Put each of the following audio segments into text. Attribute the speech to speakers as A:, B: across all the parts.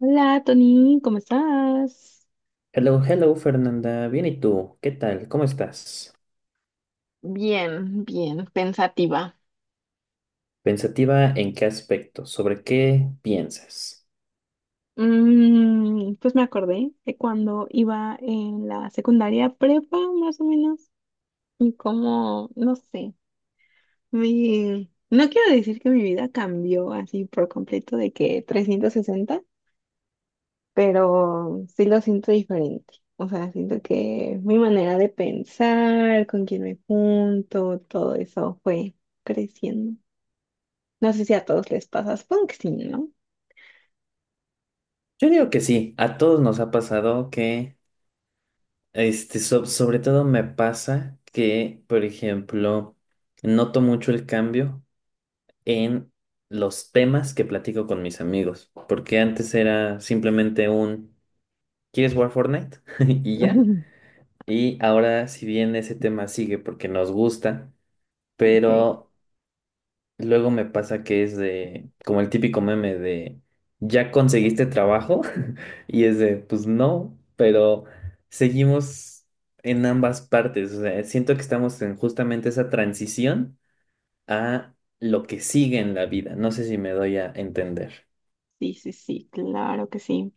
A: Hola, Tony, ¿cómo estás?
B: Hello, hello Fernanda, bien y tú, ¿qué tal? ¿Cómo estás?
A: Bien, bien, pensativa.
B: ¿Pensativa en qué aspecto? ¿Sobre qué piensas?
A: Pues me acordé de cuando iba en la secundaria prepa, más o menos, y como, no sé, no quiero decir que mi vida cambió así por completo de que 360, pero sí lo siento diferente. O sea, siento que mi manera de pensar, con quién me junto, todo eso fue creciendo. No sé si a todos les pasa, supongo que sí, ¿no?
B: Yo digo que sí, a todos nos ha pasado que, sobre todo me pasa que, por ejemplo, noto mucho el cambio en los temas que platico con mis amigos, porque antes era simplemente un, ¿quieres jugar Fortnite? Y ya, y ahora si bien ese tema sigue porque nos gusta,
A: Sí.
B: pero... Luego me pasa que es de, como el típico meme de, ¿ya conseguiste trabajo? Y es de, pues no, pero seguimos en ambas partes. O sea, siento que estamos en justamente esa transición a lo que sigue en la vida. No sé si me doy a entender.
A: Sí, sí, sí, claro que sí.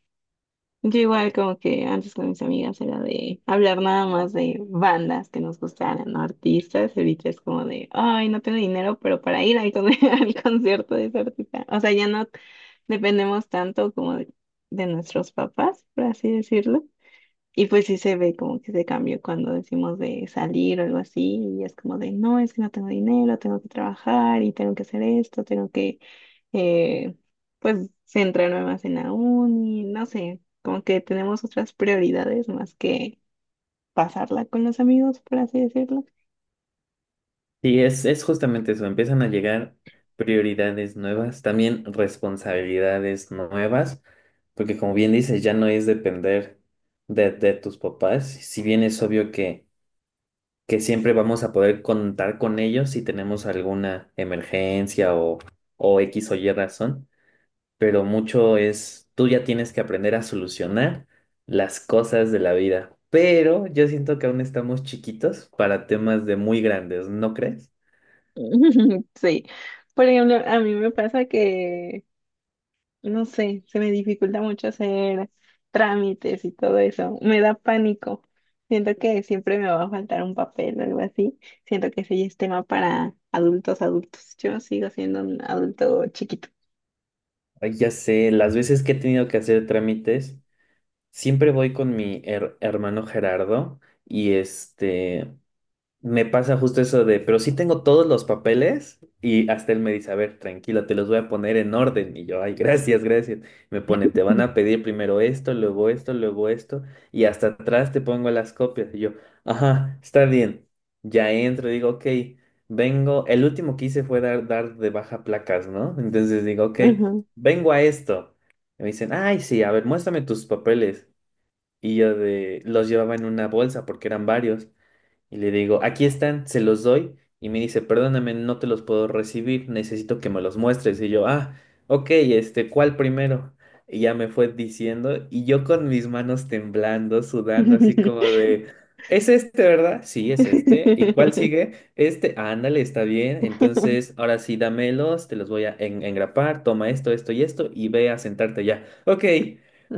A: Yo igual como que antes con mis amigas era de hablar nada más de bandas que nos gustaran, ¿no? Artistas, ahorita es como de, ay, no tengo dinero, pero para ir al concierto de ese artista. O sea, ya no dependemos tanto como de nuestros papás, por así decirlo. Y pues sí se ve como que se cambió cuando decimos de salir o algo así, y es como de, no, es que no tengo dinero, tengo que trabajar y tengo que hacer esto, tengo que, eh, pues, centrarme más en la uni, no sé, como que tenemos otras prioridades más que pasarla con los amigos, por así decirlo.
B: Y es justamente eso, empiezan a llegar prioridades nuevas, también responsabilidades nuevas, porque como bien dices, ya no es depender de tus papás, si bien es obvio que siempre vamos a poder contar con ellos si tenemos alguna emergencia o X o Y razón, pero mucho es, tú ya tienes que aprender a solucionar las cosas de la vida. Pero yo siento que aún estamos chiquitos para temas de muy grandes, ¿no crees?
A: Sí, por ejemplo, a mí me pasa que no sé, se me dificulta mucho hacer trámites y todo eso. Me da pánico. Siento que siempre me va a faltar un papel o algo así. Siento que ese ya es tema para adultos, adultos. Yo sigo siendo un adulto chiquito.
B: Ay, ya sé, las veces que he tenido que hacer trámites, siempre voy con mi hermano Gerardo y este... Me pasa justo eso de, pero sí tengo todos los papeles y hasta él me dice, a ver, tranquilo, te los voy a poner en orden. Y yo, ay, gracias, gracias. Me pone, te van a pedir primero esto, luego esto, luego esto, y hasta atrás te pongo las copias. Y yo, ajá, está bien. Ya entro, digo, ok, vengo, el último que hice fue dar de baja placas, ¿no? Entonces digo, ok,
A: Ajá.
B: vengo a esto. Y me dicen, ay, sí, a ver, muéstrame tus papeles. Y yo de, los llevaba en una bolsa porque eran varios. Y le digo, aquí están, se los doy. Y me dice, perdóname, no te los puedo recibir, necesito que me los muestres. Y yo, ah, ok, ¿cuál primero? Y ya me fue diciendo, y yo con mis manos temblando, sudando, así como de, ¿es este, verdad? Sí, es este. ¿Y cuál sigue? Ándale, está bien. Entonces, ahora sí, dámelos, te los voy a engrapar, toma esto, esto y esto, y ve a sentarte ya. Ok,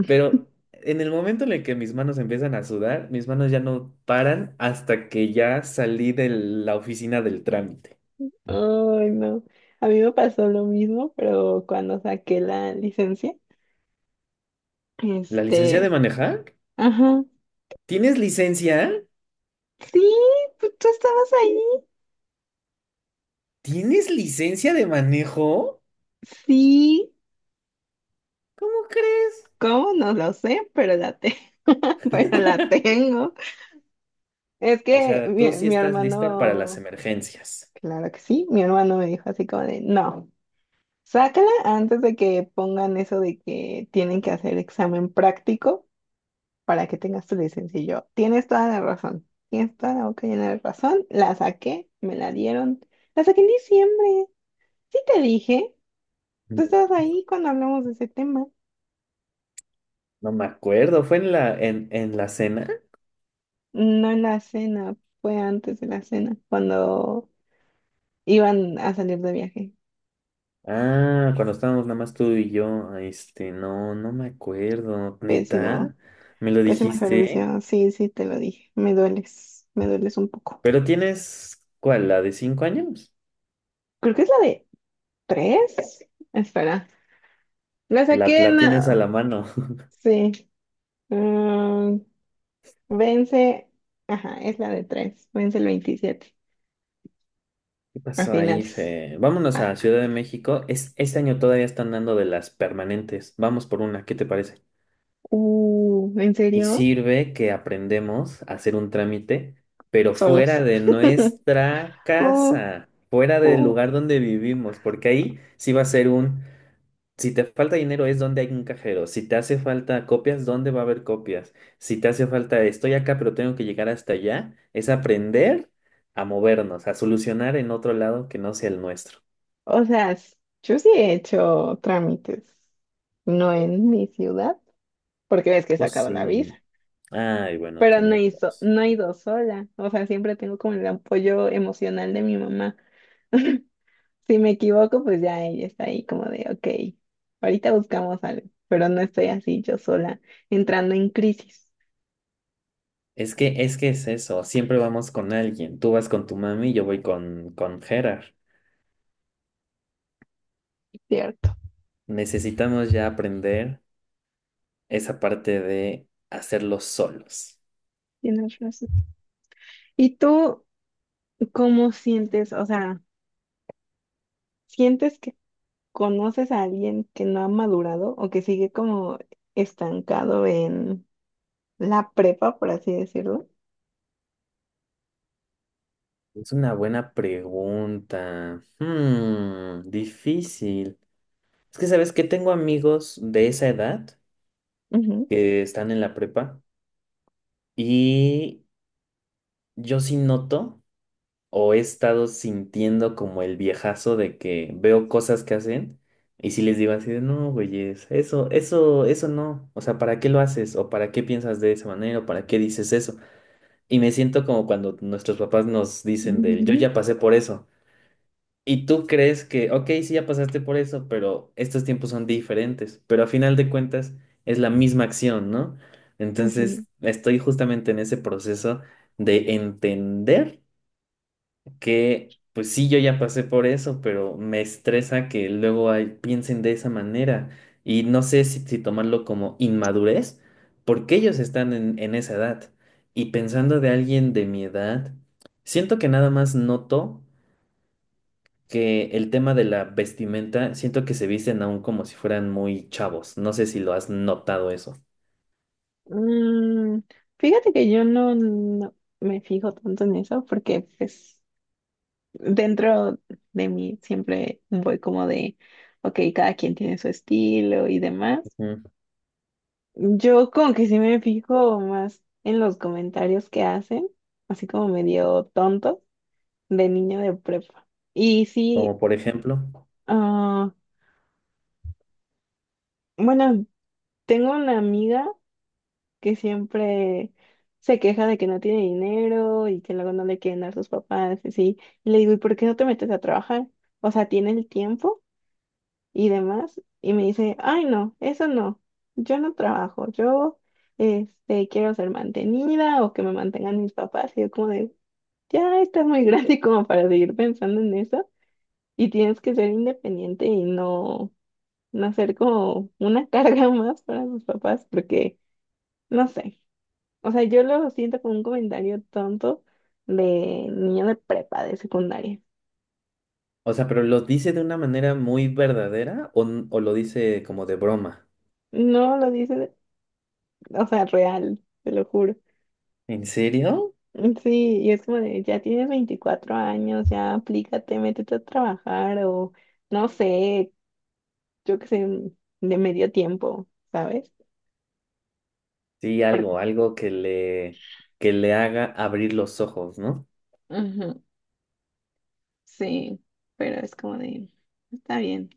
B: pero en el momento en el que mis manos empiezan a sudar, mis manos ya no paran hasta que ya salí de la oficina del trámite.
A: Ay, no. A mí me pasó lo mismo, pero cuando saqué la licencia,
B: ¿La licencia de
A: este,
B: manejar?
A: ajá.
B: ¿Tienes licencia?
A: Sí, pues, tú estabas ahí.
B: ¿Tienes licencia de manejo?
A: Sí,
B: ¿Cómo crees?
A: ¿cómo? No lo sé, pero pero la tengo. Es
B: O
A: que
B: sea, tú
A: mi,
B: sí
A: mi
B: estás lista para las
A: hermano,
B: emergencias.
A: claro que sí, mi hermano me dijo así como de, no, sácala antes de que pongan eso de que tienen que hacer examen práctico para que tengas tu licencia. Y yo, tienes toda la razón, tienes toda la boca llena de razón. La saqué, me la dieron, la saqué en diciembre. Sí te dije, tú
B: Mm,
A: estabas ahí cuando hablamos de ese tema.
B: No me acuerdo, ¿fue en la cena?
A: No en la cena, fue antes de la cena, cuando... Iban a salir de viaje.
B: Ah, cuando estábamos nada más tú y yo. No, no me acuerdo.
A: Pésimo,
B: ¿Neta? ¿Me lo
A: pésimo
B: dijiste?
A: servicio. Sí, sí, te lo dije. Me dueles un poco.
B: Pero tienes, ¿cuál? ¿La de 5 años?
A: Creo que es la de tres. Espera. La
B: La,
A: saqué en...
B: la tienes a la mano.
A: Sí. mm, Vence. Ajá, es la de tres. Vence el 27.
B: ¿Qué
A: A
B: pasó ahí,
A: finales.
B: Fe? Vámonos
A: Ah.
B: a Ciudad de México. Este año todavía están dando de las permanentes. Vamos por una, ¿qué te parece?
A: ¿En
B: Y
A: serio?
B: sirve que aprendemos a hacer un trámite, pero
A: Solos.
B: fuera de nuestra
A: Uh,
B: casa, fuera del
A: uh.
B: lugar donde vivimos, porque ahí sí va a ser un, si te falta dinero es donde hay un cajero. Si te hace falta copias, ¿dónde va a haber copias? Si te hace falta estoy acá pero tengo que llegar hasta allá, es aprender a movernos, a solucionar en otro lado que no sea el nuestro.
A: O sea, yo sí he hecho trámites. No en mi ciudad, porque ves que he
B: Pues
A: sacado la visa.
B: sí. Ay, bueno,
A: Pero no
B: tienes
A: he,
B: razón.
A: no he ido sola, o sea, siempre tengo como el apoyo emocional de mi mamá. Si me equivoco, pues ya ella está ahí como de, ok, ahorita buscamos algo, pero no estoy así yo sola entrando en crisis.
B: es que, es eso, siempre vamos con alguien. Tú vas con tu mami, yo voy con Gerard.
A: Cierto,
B: Necesitamos ya aprender esa parte de hacerlo solos.
A: tienes razón. ¿Y tú cómo sientes, o sea, sientes que conoces a alguien que no ha madurado o que sigue como estancado en la prepa, por así decirlo?
B: Es una buena pregunta. Difícil. Es que, ¿sabes que tengo amigos de esa edad
A: Ujú,
B: que están en la prepa y yo sí noto o he estado sintiendo como el viejazo de que veo cosas que hacen y si les digo así de, no, güeyes, eso no. O sea, ¿para qué lo haces? ¿O para qué piensas de esa manera? ¿O para qué dices eso? Y me siento como cuando nuestros papás nos dicen del, yo
A: ujú,
B: ya pasé por eso. Y tú crees que, ok, sí, ya pasaste por eso, pero estos tiempos son diferentes, pero a final de cuentas es la misma acción, ¿no?
A: ujú.
B: Entonces, estoy justamente en ese proceso de entender que, pues sí, yo ya pasé por eso, pero me estresa que luego piensen de esa manera y no sé si tomarlo como inmadurez, porque ellos están en esa edad. Y pensando de alguien de mi edad, siento que nada más noto que el tema de la vestimenta, siento que se visten aún como si fueran muy chavos. No sé si lo has notado eso.
A: Mm, fíjate que yo no me fijo tanto en eso porque pues dentro de mí siempre voy como de, ok, cada quien tiene su estilo y demás.
B: Ujú.
A: Yo como que sí me fijo más en los comentarios que hacen, así como medio tonto de niño de prepa. Y sí,
B: Como por ejemplo,
A: ah, bueno, tengo una amiga que siempre se queja de que no tiene dinero y que luego no le quieren dar sus papás, y así. Y le digo, ¿y por qué no te metes a trabajar? O sea, tiene el tiempo y demás. Y me dice, ay, no, eso no, yo no trabajo, yo este, quiero ser mantenida o que me mantengan mis papás. Y yo como de, ya estás muy grande como para seguir pensando en eso y tienes que ser independiente y no, no ser como una carga más para tus papás porque, no sé. O sea, yo lo siento como un comentario tonto de niño de prepa, de secundaria.
B: o sea, pero lo dice de una manera muy verdadera o lo dice como de broma.
A: No lo dicen, o sea, real, te lo juro.
B: ¿En serio?
A: Sí, y es como de, ya tienes 24 años, ya aplícate, métete a trabajar o no sé, yo qué sé, de medio tiempo, ¿sabes?
B: Sí,
A: Por-
B: algo que le, haga abrir los ojos, ¿no?
A: Ujú, sí, pero es como de, está bien,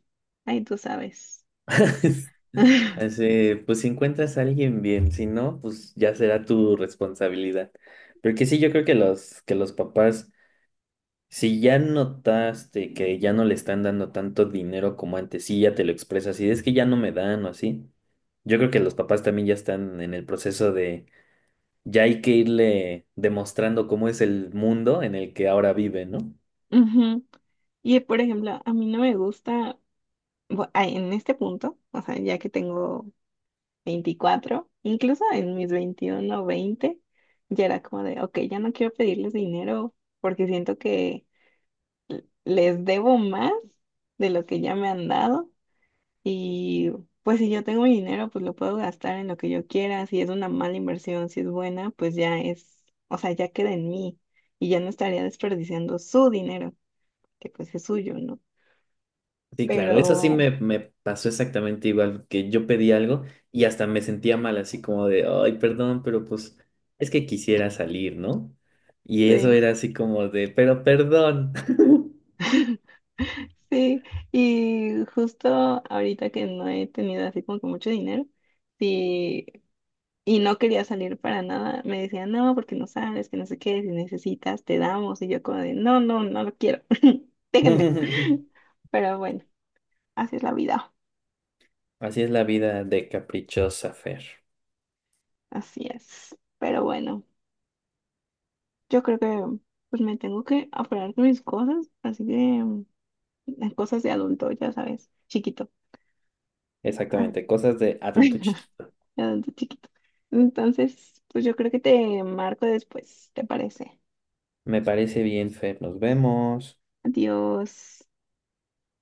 A: ahí tú sabes.
B: Así, pues si encuentras a alguien bien, si no, pues ya será tu responsabilidad. Porque sí, yo creo que los papás. Si ya notaste que ya no le están dando tanto dinero como antes, sí, ya te lo expresas, y es que ya no me dan o así. Yo creo que los papás también ya están en el proceso de, ya hay que irle demostrando cómo es el mundo en el que ahora vive, ¿no?
A: Ujú. Y por ejemplo, a mí no me gusta en este punto, o sea, ya que tengo 24 incluso en mis 21 o 20, ya era como de, ok, ya no quiero pedirles dinero porque siento que les debo más de lo que ya me han dado y pues si yo tengo mi dinero, pues lo puedo gastar en lo que yo quiera, si es una mala inversión, si es buena, pues ya es, o sea, ya queda en mí y ya no estaría desperdiciando su dinero, que pues es suyo, ¿no?
B: Sí, claro, eso sí
A: Pero,
B: me pasó exactamente igual, que yo pedí algo y hasta me sentía mal, así como de, ay, perdón, pero pues es que quisiera salir, ¿no? Y eso
A: sí.
B: era así como de, pero perdón.
A: Sí, y justo ahorita que no he tenido así como que mucho dinero, sí, y no quería salir para nada, me decían, no, porque no sabes, que no sé qué, si necesitas, te damos, y yo como de, no, no, no lo quiero, déjenme. Pero bueno, así es la vida,
B: Así es la vida de caprichosa, Fer.
A: así es. Pero bueno, yo creo que pues me tengo que apurar con mis cosas, así que mm, las cosas de adulto, ya sabes, chiquito. Ah.
B: Exactamente, cosas de adulto chiquito.
A: Adulto chiquito. Entonces, pues yo creo que te marco después, ¿te parece?
B: Me parece bien, Fer. Nos vemos.
A: Adiós.